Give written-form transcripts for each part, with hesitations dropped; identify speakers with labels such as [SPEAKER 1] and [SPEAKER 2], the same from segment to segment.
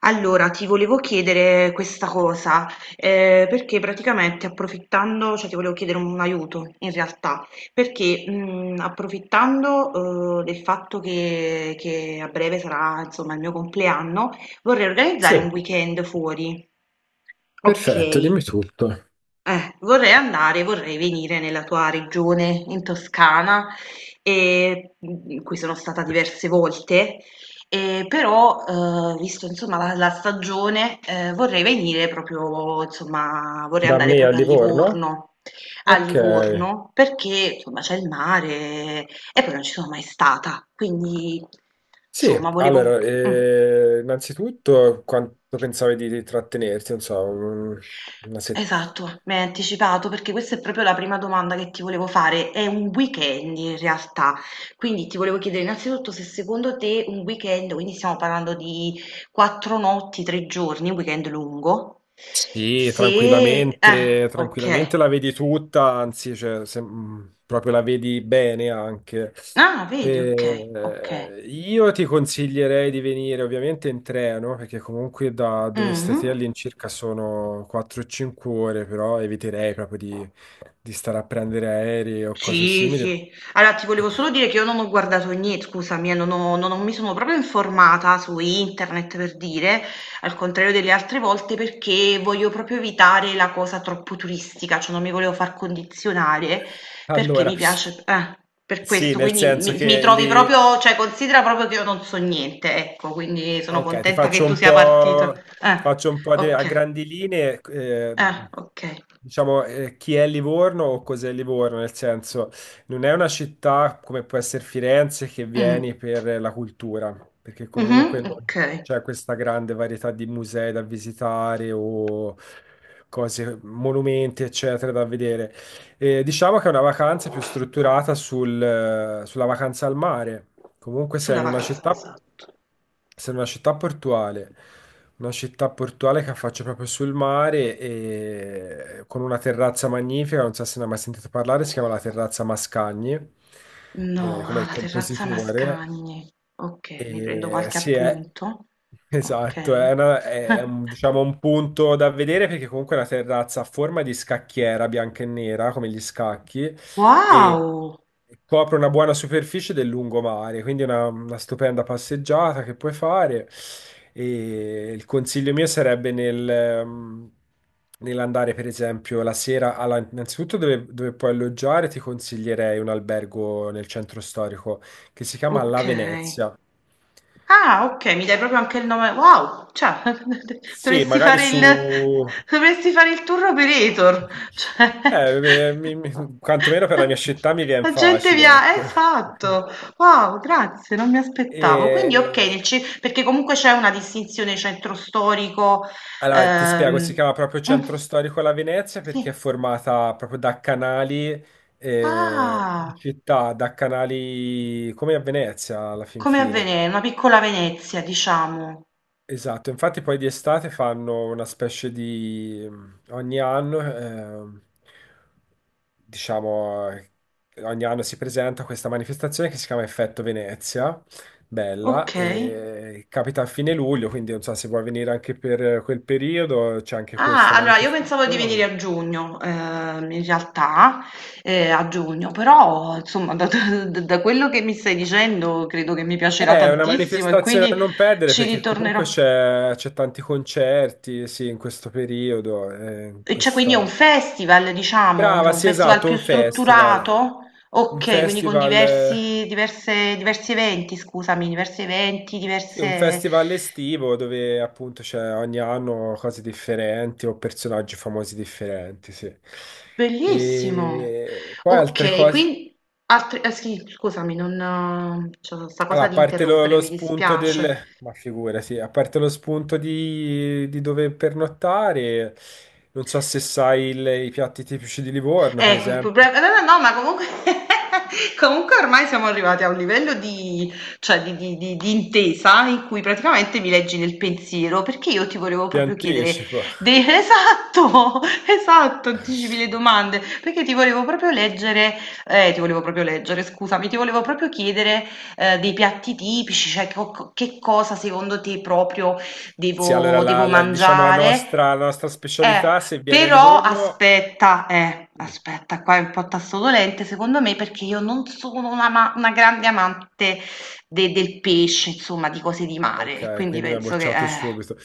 [SPEAKER 1] Allora, ti volevo chiedere questa cosa, perché praticamente approfittando, cioè ti volevo chiedere un aiuto in realtà, perché approfittando del fatto che a breve sarà insomma il mio compleanno, vorrei
[SPEAKER 2] Sì,
[SPEAKER 1] organizzare un weekend fuori. Ok,
[SPEAKER 2] perfetto, dimmi tutto.
[SPEAKER 1] vorrei andare, vorrei venire nella tua regione, in Toscana, in cui sono stata diverse volte, e però, visto insomma la stagione, vorrei venire proprio, insomma, vorrei
[SPEAKER 2] Da
[SPEAKER 1] andare
[SPEAKER 2] me a
[SPEAKER 1] proprio
[SPEAKER 2] Livorno?
[SPEAKER 1] A
[SPEAKER 2] Ok.
[SPEAKER 1] Livorno, perché insomma c'è il mare e poi non ci sono mai stata, quindi
[SPEAKER 2] Sì,
[SPEAKER 1] insomma volevo...
[SPEAKER 2] allora,
[SPEAKER 1] Mm.
[SPEAKER 2] innanzitutto quanto pensavi di trattenerti? Non so, una settimana.
[SPEAKER 1] Esatto, mi hai anticipato perché questa è proprio la prima domanda che ti volevo fare. È un weekend in realtà, quindi ti volevo chiedere innanzitutto se secondo te un weekend, quindi stiamo parlando di 4 notti, 3 giorni, un weekend lungo,
[SPEAKER 2] Sì,
[SPEAKER 1] se...
[SPEAKER 2] tranquillamente,
[SPEAKER 1] ok.
[SPEAKER 2] tranquillamente la vedi tutta, anzi, cioè, proprio la vedi bene anche.
[SPEAKER 1] Ah, vedi, ok, ok.
[SPEAKER 2] Io ti consiglierei di venire ovviamente in treno, perché comunque da dove stai te
[SPEAKER 1] Mhm.
[SPEAKER 2] all'incirca sono 4-5 ore, però eviterei proprio di stare a prendere aerei o cose
[SPEAKER 1] Sì,
[SPEAKER 2] simili.
[SPEAKER 1] sì. Allora, ti volevo
[SPEAKER 2] Ecco.
[SPEAKER 1] solo dire che io non ho guardato niente, scusami, non ho- non ho- mi sono proprio informata su internet per dire, al contrario delle altre volte, perché voglio proprio evitare la cosa troppo turistica, cioè non mi volevo far condizionare perché
[SPEAKER 2] Allora,
[SPEAKER 1] mi piace, per
[SPEAKER 2] sì,
[SPEAKER 1] questo,
[SPEAKER 2] nel
[SPEAKER 1] quindi
[SPEAKER 2] senso
[SPEAKER 1] mi
[SPEAKER 2] che
[SPEAKER 1] trovi
[SPEAKER 2] lì
[SPEAKER 1] proprio, cioè considera proprio che io non so niente, ecco, quindi sono
[SPEAKER 2] ok,
[SPEAKER 1] contenta che tu sia partito.
[SPEAKER 2] ti
[SPEAKER 1] Eh,
[SPEAKER 2] faccio un po' a
[SPEAKER 1] ok,
[SPEAKER 2] grandi linee,
[SPEAKER 1] ok.
[SPEAKER 2] diciamo, chi è Livorno o cos'è Livorno, nel senso, non è una città come può essere Firenze che vieni
[SPEAKER 1] Mm.
[SPEAKER 2] per la cultura, perché comunque
[SPEAKER 1] Mhm,
[SPEAKER 2] non
[SPEAKER 1] ok,
[SPEAKER 2] c'è questa grande varietà di musei da visitare o cose, monumenti, eccetera, da vedere. Diciamo che è una vacanza più strutturata sulla vacanza al mare. Comunque sei
[SPEAKER 1] sulla
[SPEAKER 2] in una
[SPEAKER 1] vacanza,
[SPEAKER 2] città,
[SPEAKER 1] esatto.
[SPEAKER 2] sei in una città portuale che affaccia proprio sul mare e con una terrazza magnifica, non so se ne hai mai sentito parlare, si chiama la terrazza Mascagni,
[SPEAKER 1] No,
[SPEAKER 2] come
[SPEAKER 1] ah,
[SPEAKER 2] il
[SPEAKER 1] la terrazza
[SPEAKER 2] compositore.
[SPEAKER 1] Mascagni. Okay, mi prendo
[SPEAKER 2] E,
[SPEAKER 1] qualche
[SPEAKER 2] sì, è,
[SPEAKER 1] appunto.
[SPEAKER 2] Esatto,
[SPEAKER 1] Okay.
[SPEAKER 2] è, diciamo un punto da vedere perché comunque è una terrazza a forma di scacchiera bianca e nera, come gli scacchi, e
[SPEAKER 1] Wow!
[SPEAKER 2] copre una buona superficie del lungomare, quindi una stupenda passeggiata che puoi fare. E il consiglio mio sarebbe nell'andare, per esempio, la sera, innanzitutto dove puoi alloggiare, ti consiglierei un albergo nel centro storico che si chiama La
[SPEAKER 1] Okay.
[SPEAKER 2] Venezia.
[SPEAKER 1] Ah, okay, mi dai proprio anche il nome wow, cioè
[SPEAKER 2] Sì,
[SPEAKER 1] dovresti
[SPEAKER 2] magari
[SPEAKER 1] fare il
[SPEAKER 2] su...
[SPEAKER 1] dovresti fare il tour operator, cioè
[SPEAKER 2] Quantomeno per la mia città mi viene
[SPEAKER 1] la gente
[SPEAKER 2] facile,
[SPEAKER 1] via
[SPEAKER 2] ecco.
[SPEAKER 1] esatto, wow, grazie, non mi aspettavo. Quindi okay, nel
[SPEAKER 2] E-
[SPEAKER 1] ce perché comunque c'è una distinzione centro storico,
[SPEAKER 2] Allora, ti spiego, si
[SPEAKER 1] ehm
[SPEAKER 2] chiama proprio
[SPEAKER 1] mh,
[SPEAKER 2] Centro Storico La Venezia perché è
[SPEAKER 1] sì,
[SPEAKER 2] formata proprio da canali in
[SPEAKER 1] ah,
[SPEAKER 2] città, da canali come a Venezia alla fin
[SPEAKER 1] come a
[SPEAKER 2] fine.
[SPEAKER 1] Vene una piccola Venezia diciamo,
[SPEAKER 2] Esatto, infatti poi di estate fanno una specie di ogni anno, diciamo, ogni anno si presenta questa manifestazione che si chiama Effetto Venezia, bella,
[SPEAKER 1] okay.
[SPEAKER 2] e capita a fine luglio, quindi non so se vuoi venire anche per quel periodo, c'è anche
[SPEAKER 1] Ah,
[SPEAKER 2] questa
[SPEAKER 1] allora io pensavo di venire
[SPEAKER 2] manifestazione.
[SPEAKER 1] a giugno, in realtà, a giugno, però insomma da, quello che mi stai dicendo credo che mi piacerà
[SPEAKER 2] È una
[SPEAKER 1] tantissimo e
[SPEAKER 2] manifestazione a
[SPEAKER 1] quindi
[SPEAKER 2] non perdere
[SPEAKER 1] ci
[SPEAKER 2] perché
[SPEAKER 1] ritornerò.
[SPEAKER 2] comunque c'è tanti concerti, sì, in questo periodo, in
[SPEAKER 1] E cioè, quindi è un
[SPEAKER 2] questa...
[SPEAKER 1] festival, diciamo, cioè
[SPEAKER 2] Brava,
[SPEAKER 1] un
[SPEAKER 2] sì,
[SPEAKER 1] festival
[SPEAKER 2] esatto,
[SPEAKER 1] più
[SPEAKER 2] un festival.
[SPEAKER 1] strutturato?
[SPEAKER 2] Un
[SPEAKER 1] Ok, quindi con
[SPEAKER 2] festival,
[SPEAKER 1] diversi eventi, scusami, diversi eventi,
[SPEAKER 2] sì, un
[SPEAKER 1] diverse...
[SPEAKER 2] festival estivo dove appunto c'è ogni anno cose differenti o personaggi famosi differenti, sì.
[SPEAKER 1] Bellissimo.
[SPEAKER 2] E poi altre
[SPEAKER 1] Okay, quin
[SPEAKER 2] cose.
[SPEAKER 1] altri eh sì, scusami, non c'ho 'sta cosa
[SPEAKER 2] Allora, a
[SPEAKER 1] di
[SPEAKER 2] parte
[SPEAKER 1] interrompere,
[SPEAKER 2] lo
[SPEAKER 1] mi
[SPEAKER 2] spunto
[SPEAKER 1] dispiace.
[SPEAKER 2] del... Ma figura, sì, a parte lo spunto di dove pernottare, non so se sai i piatti tipici di Livorno, per
[SPEAKER 1] Ecco, il
[SPEAKER 2] esempio,
[SPEAKER 1] problema no, no, no, ma comunque, comunque ormai siamo arrivati a un livello di, cioè di intesa in cui praticamente mi leggi nel pensiero, perché io ti volevo
[SPEAKER 2] ti
[SPEAKER 1] proprio chiedere,
[SPEAKER 2] anticipo.
[SPEAKER 1] esatto, esatto, anticipi le domande, perché ti volevo proprio leggere, ti volevo proprio leggere, scusami, ti volevo proprio chiedere dei piatti tipici, cioè che cosa secondo te proprio
[SPEAKER 2] Sì, allora
[SPEAKER 1] Devo devo
[SPEAKER 2] diciamo
[SPEAKER 1] mangiare.
[SPEAKER 2] la nostra
[SPEAKER 1] Eh,
[SPEAKER 2] specialità, se viene a
[SPEAKER 1] però
[SPEAKER 2] Livorno...
[SPEAKER 1] aspetta, qua è un po' tasto dolente secondo me perché io non sono una grande amante del pesce, insomma, di cose di
[SPEAKER 2] Ah,
[SPEAKER 1] mare, e
[SPEAKER 2] ok,
[SPEAKER 1] quindi
[SPEAKER 2] quindi mi ha
[SPEAKER 1] penso che...
[SPEAKER 2] bocciato
[SPEAKER 1] eh.
[SPEAKER 2] subito.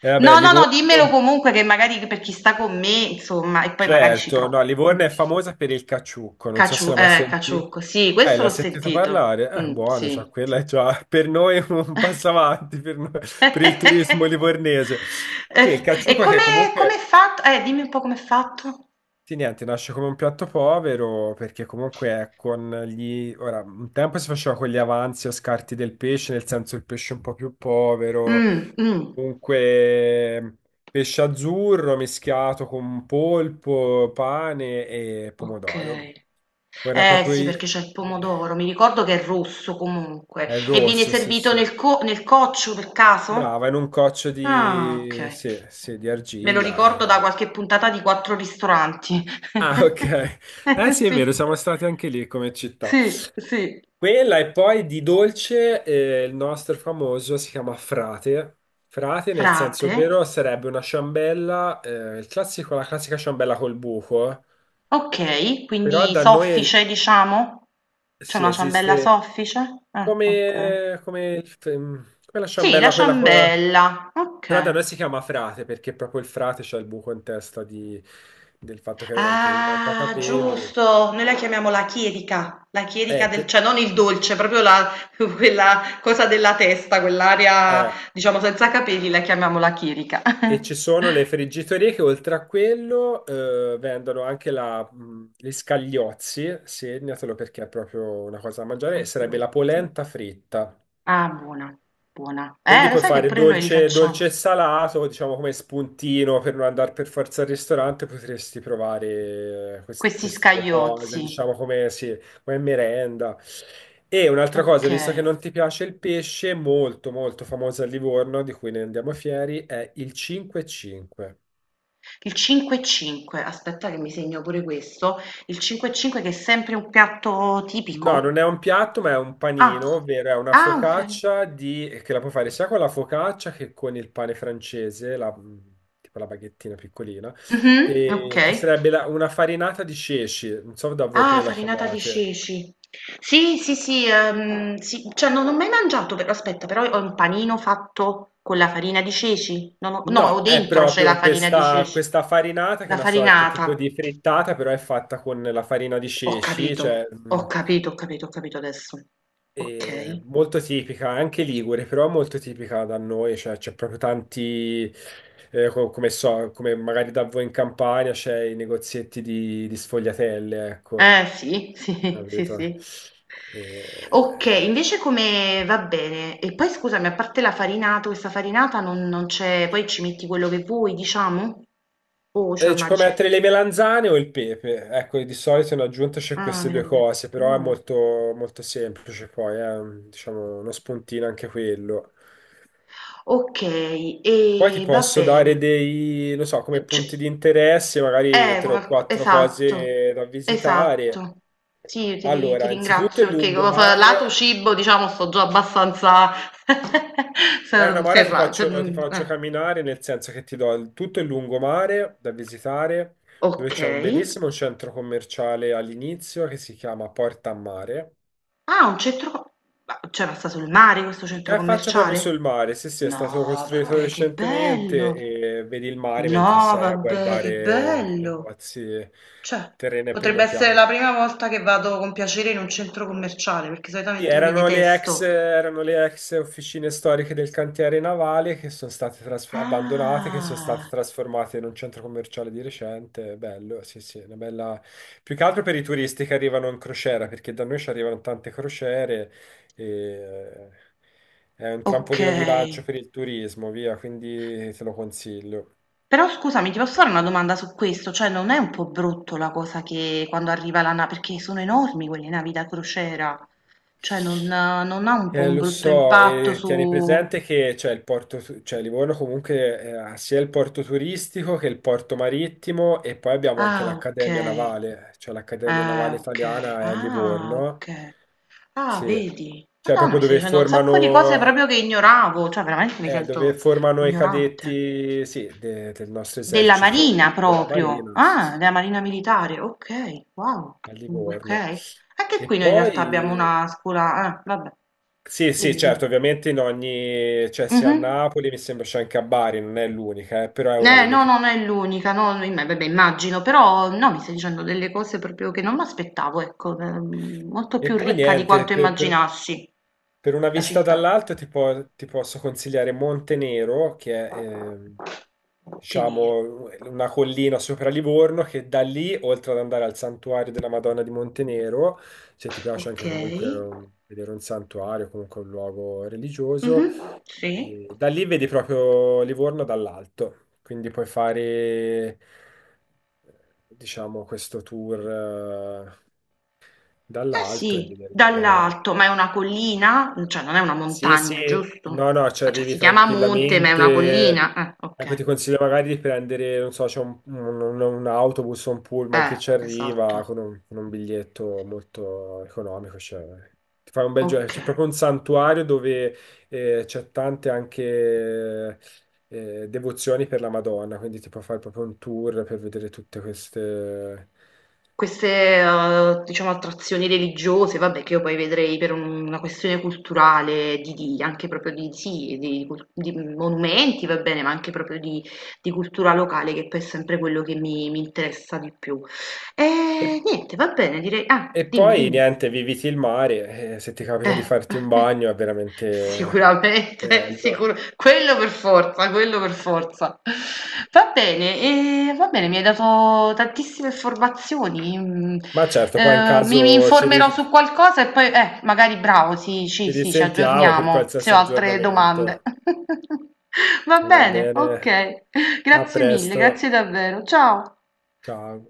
[SPEAKER 2] E vabbè,
[SPEAKER 1] No, no, no, dimmelo
[SPEAKER 2] Livorno,
[SPEAKER 1] comunque che magari per chi sta con me, insomma, e poi magari ci
[SPEAKER 2] certo, no,
[SPEAKER 1] provo. Mm.
[SPEAKER 2] Livorno è famosa per il caciucco, non so se
[SPEAKER 1] Caciu-
[SPEAKER 2] l'ha mai
[SPEAKER 1] eh,
[SPEAKER 2] sentito.
[SPEAKER 1] caciucco, sì, questo
[SPEAKER 2] L'ha
[SPEAKER 1] l'ho
[SPEAKER 2] sentito
[SPEAKER 1] sentito.
[SPEAKER 2] parlare?
[SPEAKER 1] Mm,
[SPEAKER 2] Buono, cioè,
[SPEAKER 1] sì,
[SPEAKER 2] quella
[SPEAKER 1] sì.
[SPEAKER 2] è già per noi un passo avanti, per il turismo livornese.
[SPEAKER 1] E
[SPEAKER 2] Sì, il
[SPEAKER 1] e
[SPEAKER 2] caciucco
[SPEAKER 1] come
[SPEAKER 2] che
[SPEAKER 1] com'è
[SPEAKER 2] comunque
[SPEAKER 1] fatto? Dimmi un po' com'è fatto.
[SPEAKER 2] sì, niente, nasce come un piatto povero perché comunque è con gli... Ora, un tempo si faceva con gli avanzi o scarti del pesce, nel senso il pesce un po' più povero,
[SPEAKER 1] Mh, mh,
[SPEAKER 2] comunque pesce azzurro mischiato con polpo, pane e pomodoro.
[SPEAKER 1] okay.
[SPEAKER 2] Ora
[SPEAKER 1] Eh
[SPEAKER 2] proprio
[SPEAKER 1] sì, perché c'è il
[SPEAKER 2] i-
[SPEAKER 1] pomodoro, mi ricordo che è rosso comunque.
[SPEAKER 2] è il
[SPEAKER 1] E viene
[SPEAKER 2] rosso, sì,
[SPEAKER 1] servito
[SPEAKER 2] sì.
[SPEAKER 1] nel coccio per caso?
[SPEAKER 2] Brava, in un coccio
[SPEAKER 1] Ah,
[SPEAKER 2] di...
[SPEAKER 1] okay.
[SPEAKER 2] sì, sì, di
[SPEAKER 1] Me lo
[SPEAKER 2] argilla.
[SPEAKER 1] ricordo da qualche puntata di Quattro Ristoranti.
[SPEAKER 2] Ah, ok. Eh sì, è vero,
[SPEAKER 1] Sì.
[SPEAKER 2] siamo stati anche lì come città.
[SPEAKER 1] Sì, sì.
[SPEAKER 2] Quella e poi di dolce, il nostro famoso si chiama Frate. Frate, nel senso
[SPEAKER 1] Frate?
[SPEAKER 2] vero, sarebbe una ciambella, il classico, la classica ciambella col buco,
[SPEAKER 1] Okay,
[SPEAKER 2] però
[SPEAKER 1] quindi
[SPEAKER 2] da noi
[SPEAKER 1] soffice diciamo? C'è
[SPEAKER 2] si
[SPEAKER 1] una ciambella
[SPEAKER 2] esiste
[SPEAKER 1] soffice? Ah, okay.
[SPEAKER 2] come, come, come la
[SPEAKER 1] Sì, la
[SPEAKER 2] ciambella, quella...
[SPEAKER 1] ciambella,
[SPEAKER 2] Però da
[SPEAKER 1] okay.
[SPEAKER 2] noi si chiama frate perché proprio il frate c'ha il buco in testa del fatto che gli manca
[SPEAKER 1] Ah,
[SPEAKER 2] capelli.
[SPEAKER 1] giusto, noi la chiamiamo la chierica
[SPEAKER 2] Eh,
[SPEAKER 1] del
[SPEAKER 2] pe-
[SPEAKER 1] cioè non il dolce, proprio la quella cosa della testa, quell'area
[SPEAKER 2] Eh,
[SPEAKER 1] diciamo senza capelli, la chiamiamo la chierica.
[SPEAKER 2] e ci sono le friggitorie che oltre a quello vendono anche gli scagliozzi, segnatelo perché è proprio una cosa da mangiare, e sarebbe la
[SPEAKER 1] Scagliozzi.
[SPEAKER 2] polenta fritta.
[SPEAKER 1] Ah, buona, buona.
[SPEAKER 2] Quindi
[SPEAKER 1] Lo
[SPEAKER 2] puoi
[SPEAKER 1] sai che
[SPEAKER 2] fare
[SPEAKER 1] pure noi li
[SPEAKER 2] dolce, dolce
[SPEAKER 1] facciamo,
[SPEAKER 2] e salato, diciamo come spuntino per non andare per forza al ristorante, potresti provare
[SPEAKER 1] questi
[SPEAKER 2] queste due cose,
[SPEAKER 1] scagliozzi.
[SPEAKER 2] diciamo come, sì, come merenda. E un'altra cosa, visto che
[SPEAKER 1] Okay.
[SPEAKER 2] non ti piace il pesce, molto molto famosa a Livorno, di cui ne andiamo fieri, è il 5-5.
[SPEAKER 1] Il 5 e 5, aspetta che mi segno pure questo. Il 5 e 5 che è sempre un piatto
[SPEAKER 2] No,
[SPEAKER 1] tipico?
[SPEAKER 2] non è un piatto, ma è un
[SPEAKER 1] Ah,
[SPEAKER 2] panino, ovvero è una
[SPEAKER 1] ah un pia
[SPEAKER 2] focaccia di... che la puoi fare sia con la focaccia che con il pane francese, tipo la baghettina piccolina,
[SPEAKER 1] mh-mh,
[SPEAKER 2] e che
[SPEAKER 1] okay.
[SPEAKER 2] sarebbe una farinata di ceci, non so da voi
[SPEAKER 1] Ah,
[SPEAKER 2] come la
[SPEAKER 1] farinata di
[SPEAKER 2] chiamate.
[SPEAKER 1] ceci. Sì, sì, sì, sì, cioè non ho mai mangiato però aspetta, però ho un panino fatto con la farina di ceci? Non ho no, ho
[SPEAKER 2] No, è
[SPEAKER 1] dentro c'è la
[SPEAKER 2] proprio
[SPEAKER 1] farina di
[SPEAKER 2] questa,
[SPEAKER 1] ceci.
[SPEAKER 2] questa farinata che è
[SPEAKER 1] La
[SPEAKER 2] una sorta tipo
[SPEAKER 1] farinata.
[SPEAKER 2] di frittata, però è fatta con la farina di
[SPEAKER 1] Ho
[SPEAKER 2] ceci,
[SPEAKER 1] capito,
[SPEAKER 2] cioè
[SPEAKER 1] ho capito, ho capito, ho capito adesso.
[SPEAKER 2] e
[SPEAKER 1] Okay.
[SPEAKER 2] molto tipica, anche Ligure, però molto tipica da noi, cioè c'è proprio tanti, come so, come magari da voi in Campania c'è i negozietti di sfogliatelle, ecco,
[SPEAKER 1] Eh sì, sì, sì,
[SPEAKER 2] capito?
[SPEAKER 1] sì.
[SPEAKER 2] E...
[SPEAKER 1] Okay, invece come va bene. E poi scusami, a parte la farinata, questa farinata non c'è poi ci metti quello che vuoi, diciamo? O c'è
[SPEAKER 2] e ci
[SPEAKER 1] una
[SPEAKER 2] puoi
[SPEAKER 1] ricetta?
[SPEAKER 2] mettere le melanzane o il pepe, ecco, di solito in aggiunta c'è
[SPEAKER 1] Ah,
[SPEAKER 2] queste due
[SPEAKER 1] meravigl
[SPEAKER 2] cose, però è
[SPEAKER 1] buono.
[SPEAKER 2] molto, molto semplice poi, diciamo uno spuntino anche quello.
[SPEAKER 1] Okay, e
[SPEAKER 2] Poi ti
[SPEAKER 1] va
[SPEAKER 2] posso
[SPEAKER 1] bene.
[SPEAKER 2] dare dei, non so, come
[SPEAKER 1] C
[SPEAKER 2] punti di interesse, magari tre
[SPEAKER 1] come
[SPEAKER 2] o
[SPEAKER 1] al co
[SPEAKER 2] quattro
[SPEAKER 1] esatto,
[SPEAKER 2] cose da visitare.
[SPEAKER 1] esatto. Sì, ti
[SPEAKER 2] Allora, innanzitutto
[SPEAKER 1] ringrazio
[SPEAKER 2] il
[SPEAKER 1] perché co fa lato
[SPEAKER 2] lungomare.
[SPEAKER 1] cibo, diciamo, sto già abbastanza
[SPEAKER 2] È una
[SPEAKER 1] s
[SPEAKER 2] mare
[SPEAKER 1] ferra cioè,
[SPEAKER 2] ti
[SPEAKER 1] mhmm,
[SPEAKER 2] faccio
[SPEAKER 1] eh.
[SPEAKER 2] camminare, nel senso che ti do tutto il lungomare da visitare, dove c'è un
[SPEAKER 1] Okay.
[SPEAKER 2] bellissimo centro commerciale all'inizio che si chiama Porta a Mare.
[SPEAKER 1] Ah, un centro ma cioè, ma c'era sta sul mare questo
[SPEAKER 2] Che
[SPEAKER 1] centro
[SPEAKER 2] affaccia proprio
[SPEAKER 1] commerciale?
[SPEAKER 2] sul mare, sì, sì, è
[SPEAKER 1] No,
[SPEAKER 2] stato costruito
[SPEAKER 1] vabbè, che
[SPEAKER 2] recentemente
[SPEAKER 1] bello!
[SPEAKER 2] e vedi il mare mentre
[SPEAKER 1] No,
[SPEAKER 2] sei a
[SPEAKER 1] vabbè, che
[SPEAKER 2] guardare
[SPEAKER 1] bello!
[SPEAKER 2] negozi,
[SPEAKER 1] Cioè,
[SPEAKER 2] terreno a
[SPEAKER 1] potrebbe
[SPEAKER 2] primo
[SPEAKER 1] essere
[SPEAKER 2] piano.
[SPEAKER 1] la prima volta che vado con piacere in un centro commerciale, perché
[SPEAKER 2] Sì,
[SPEAKER 1] solitamente io li detesto.
[SPEAKER 2] erano le ex officine storiche del cantiere navale che sono state abbandonate, che sono state
[SPEAKER 1] Ah,
[SPEAKER 2] trasformate in un centro commerciale di recente. Bello, sì, sì, una bella... Più che altro per i turisti che arrivano in crociera, perché da noi ci arrivano tante crociere e eh, è un
[SPEAKER 1] ok.
[SPEAKER 2] trampolino di lancio per il turismo, via, quindi te lo consiglio.
[SPEAKER 1] Però scusami, ti posso fare una domanda su questo? Cioè, non è un po' brutto la cosa che quando arriva la nave, perché sono enormi quelle navi da crociera, cioè non ha un po' un
[SPEAKER 2] Lo
[SPEAKER 1] brutto
[SPEAKER 2] so,
[SPEAKER 1] impatto
[SPEAKER 2] e tieni
[SPEAKER 1] su.
[SPEAKER 2] presente che c'è il porto, cioè Livorno comunque ha sia il porto turistico che il porto marittimo e poi abbiamo anche
[SPEAKER 1] Ah,
[SPEAKER 2] l'Accademia
[SPEAKER 1] okay.
[SPEAKER 2] Navale, cioè l'Accademia
[SPEAKER 1] Ah,
[SPEAKER 2] Navale
[SPEAKER 1] okay.
[SPEAKER 2] Italiana è a
[SPEAKER 1] Ah,
[SPEAKER 2] Livorno,
[SPEAKER 1] okay. Ah,
[SPEAKER 2] sì,
[SPEAKER 1] vedi?
[SPEAKER 2] cioè
[SPEAKER 1] Madonna,
[SPEAKER 2] proprio
[SPEAKER 1] mi stai dicendo un sacco di cose proprio che ignoravo, cioè veramente mi
[SPEAKER 2] dove
[SPEAKER 1] sento
[SPEAKER 2] formano i
[SPEAKER 1] ignorante.
[SPEAKER 2] cadetti, sì, del nostro
[SPEAKER 1] Della
[SPEAKER 2] esercito
[SPEAKER 1] Marina
[SPEAKER 2] della
[SPEAKER 1] proprio.
[SPEAKER 2] Marina, sì,
[SPEAKER 1] Ah,
[SPEAKER 2] sì,
[SPEAKER 1] della Marina militare. Okay, wow.
[SPEAKER 2] a
[SPEAKER 1] Mm,
[SPEAKER 2] Livorno.
[SPEAKER 1] okay. Anche
[SPEAKER 2] E
[SPEAKER 1] qui noi in realtà abbiamo
[SPEAKER 2] poi...
[SPEAKER 1] una scuola ah, vabbè.
[SPEAKER 2] Sì, sì,
[SPEAKER 1] Dimmi, dimmi.
[SPEAKER 2] certo, ovviamente in ogni, cioè sia a
[SPEAKER 1] Mh-mh.
[SPEAKER 2] Napoli, mi sembra c'è anche a Bari, non è l'unica, però è una delle
[SPEAKER 1] No,
[SPEAKER 2] più.
[SPEAKER 1] no, non è l'unica, no, no, vabbè, immagino, però no, mi stai dicendo delle cose proprio che non mi aspettavo, ecco, molto
[SPEAKER 2] E
[SPEAKER 1] più
[SPEAKER 2] poi
[SPEAKER 1] ricca di
[SPEAKER 2] niente,
[SPEAKER 1] quanto immaginassi
[SPEAKER 2] per una
[SPEAKER 1] la
[SPEAKER 2] vista
[SPEAKER 1] città.
[SPEAKER 2] dall'alto ti posso consigliare Montenero, che è,
[SPEAKER 1] Monte Nero,
[SPEAKER 2] diciamo, una collina sopra Livorno, che da lì, oltre ad andare al santuario della Madonna di Montenero, se ti piace
[SPEAKER 1] ok,
[SPEAKER 2] anche comunque um, vedere un santuario, comunque un luogo
[SPEAKER 1] Mhm,
[SPEAKER 2] religioso,
[SPEAKER 1] sì,
[SPEAKER 2] e da lì vedi proprio Livorno dall'alto, quindi puoi fare, eh, diciamo, questo tour eh,
[SPEAKER 1] ah
[SPEAKER 2] dall'alto e
[SPEAKER 1] sì,
[SPEAKER 2] vedere Livorno
[SPEAKER 1] dall'alto, ma è una collina, cioè non è una
[SPEAKER 2] sì, sì,
[SPEAKER 1] montagna, giusto?
[SPEAKER 2] no, no, ci
[SPEAKER 1] Ah, cioè
[SPEAKER 2] arrivi
[SPEAKER 1] si chiama monte, ma è una collina,
[SPEAKER 2] tranquillamente. Ecco,
[SPEAKER 1] ok,
[SPEAKER 2] ti consiglio magari di prendere, non so, c'è un, un autobus o un pullman che ci
[SPEAKER 1] esatto,
[SPEAKER 2] arriva con un biglietto molto economico. Cioè, ti fai un bel giro.
[SPEAKER 1] ok.
[SPEAKER 2] C'è proprio un santuario dove c'è tante anche devozioni per la Madonna, quindi ti puoi fare proprio un tour per vedere tutte queste.
[SPEAKER 1] Queste, diciamo attrazioni religiose, vabbè, che io poi vedrei per una questione culturale di anche proprio di sì, di monumenti, va bene, ma anche proprio di cultura locale, che poi è sempre quello che mi interessa di più. Niente, va bene, direi ah,
[SPEAKER 2] E
[SPEAKER 1] dimmi,
[SPEAKER 2] poi
[SPEAKER 1] dimmi.
[SPEAKER 2] niente, viviti il mare, e se ti capita di
[SPEAKER 1] Eh,
[SPEAKER 2] farti un bagno è veramente
[SPEAKER 1] sicuramente, sicuro
[SPEAKER 2] bello.
[SPEAKER 1] quello per forza, quello per forza. Va bene, e va bene, mi hai dato tantissime informazioni. mm,
[SPEAKER 2] Ma certo, poi in
[SPEAKER 1] eh, mi, mi
[SPEAKER 2] caso
[SPEAKER 1] informerò su
[SPEAKER 2] ci
[SPEAKER 1] qualcosa e poi, magari bravo, sì, sì, sì, ci
[SPEAKER 2] risentiamo per
[SPEAKER 1] aggiorniamo se
[SPEAKER 2] qualsiasi
[SPEAKER 1] ho altre domande.
[SPEAKER 2] aggiornamento.
[SPEAKER 1] Va
[SPEAKER 2] Va
[SPEAKER 1] bene,
[SPEAKER 2] bene,
[SPEAKER 1] ok.
[SPEAKER 2] a
[SPEAKER 1] Grazie mille,
[SPEAKER 2] presto,
[SPEAKER 1] grazie davvero. Ciao.
[SPEAKER 2] ciao.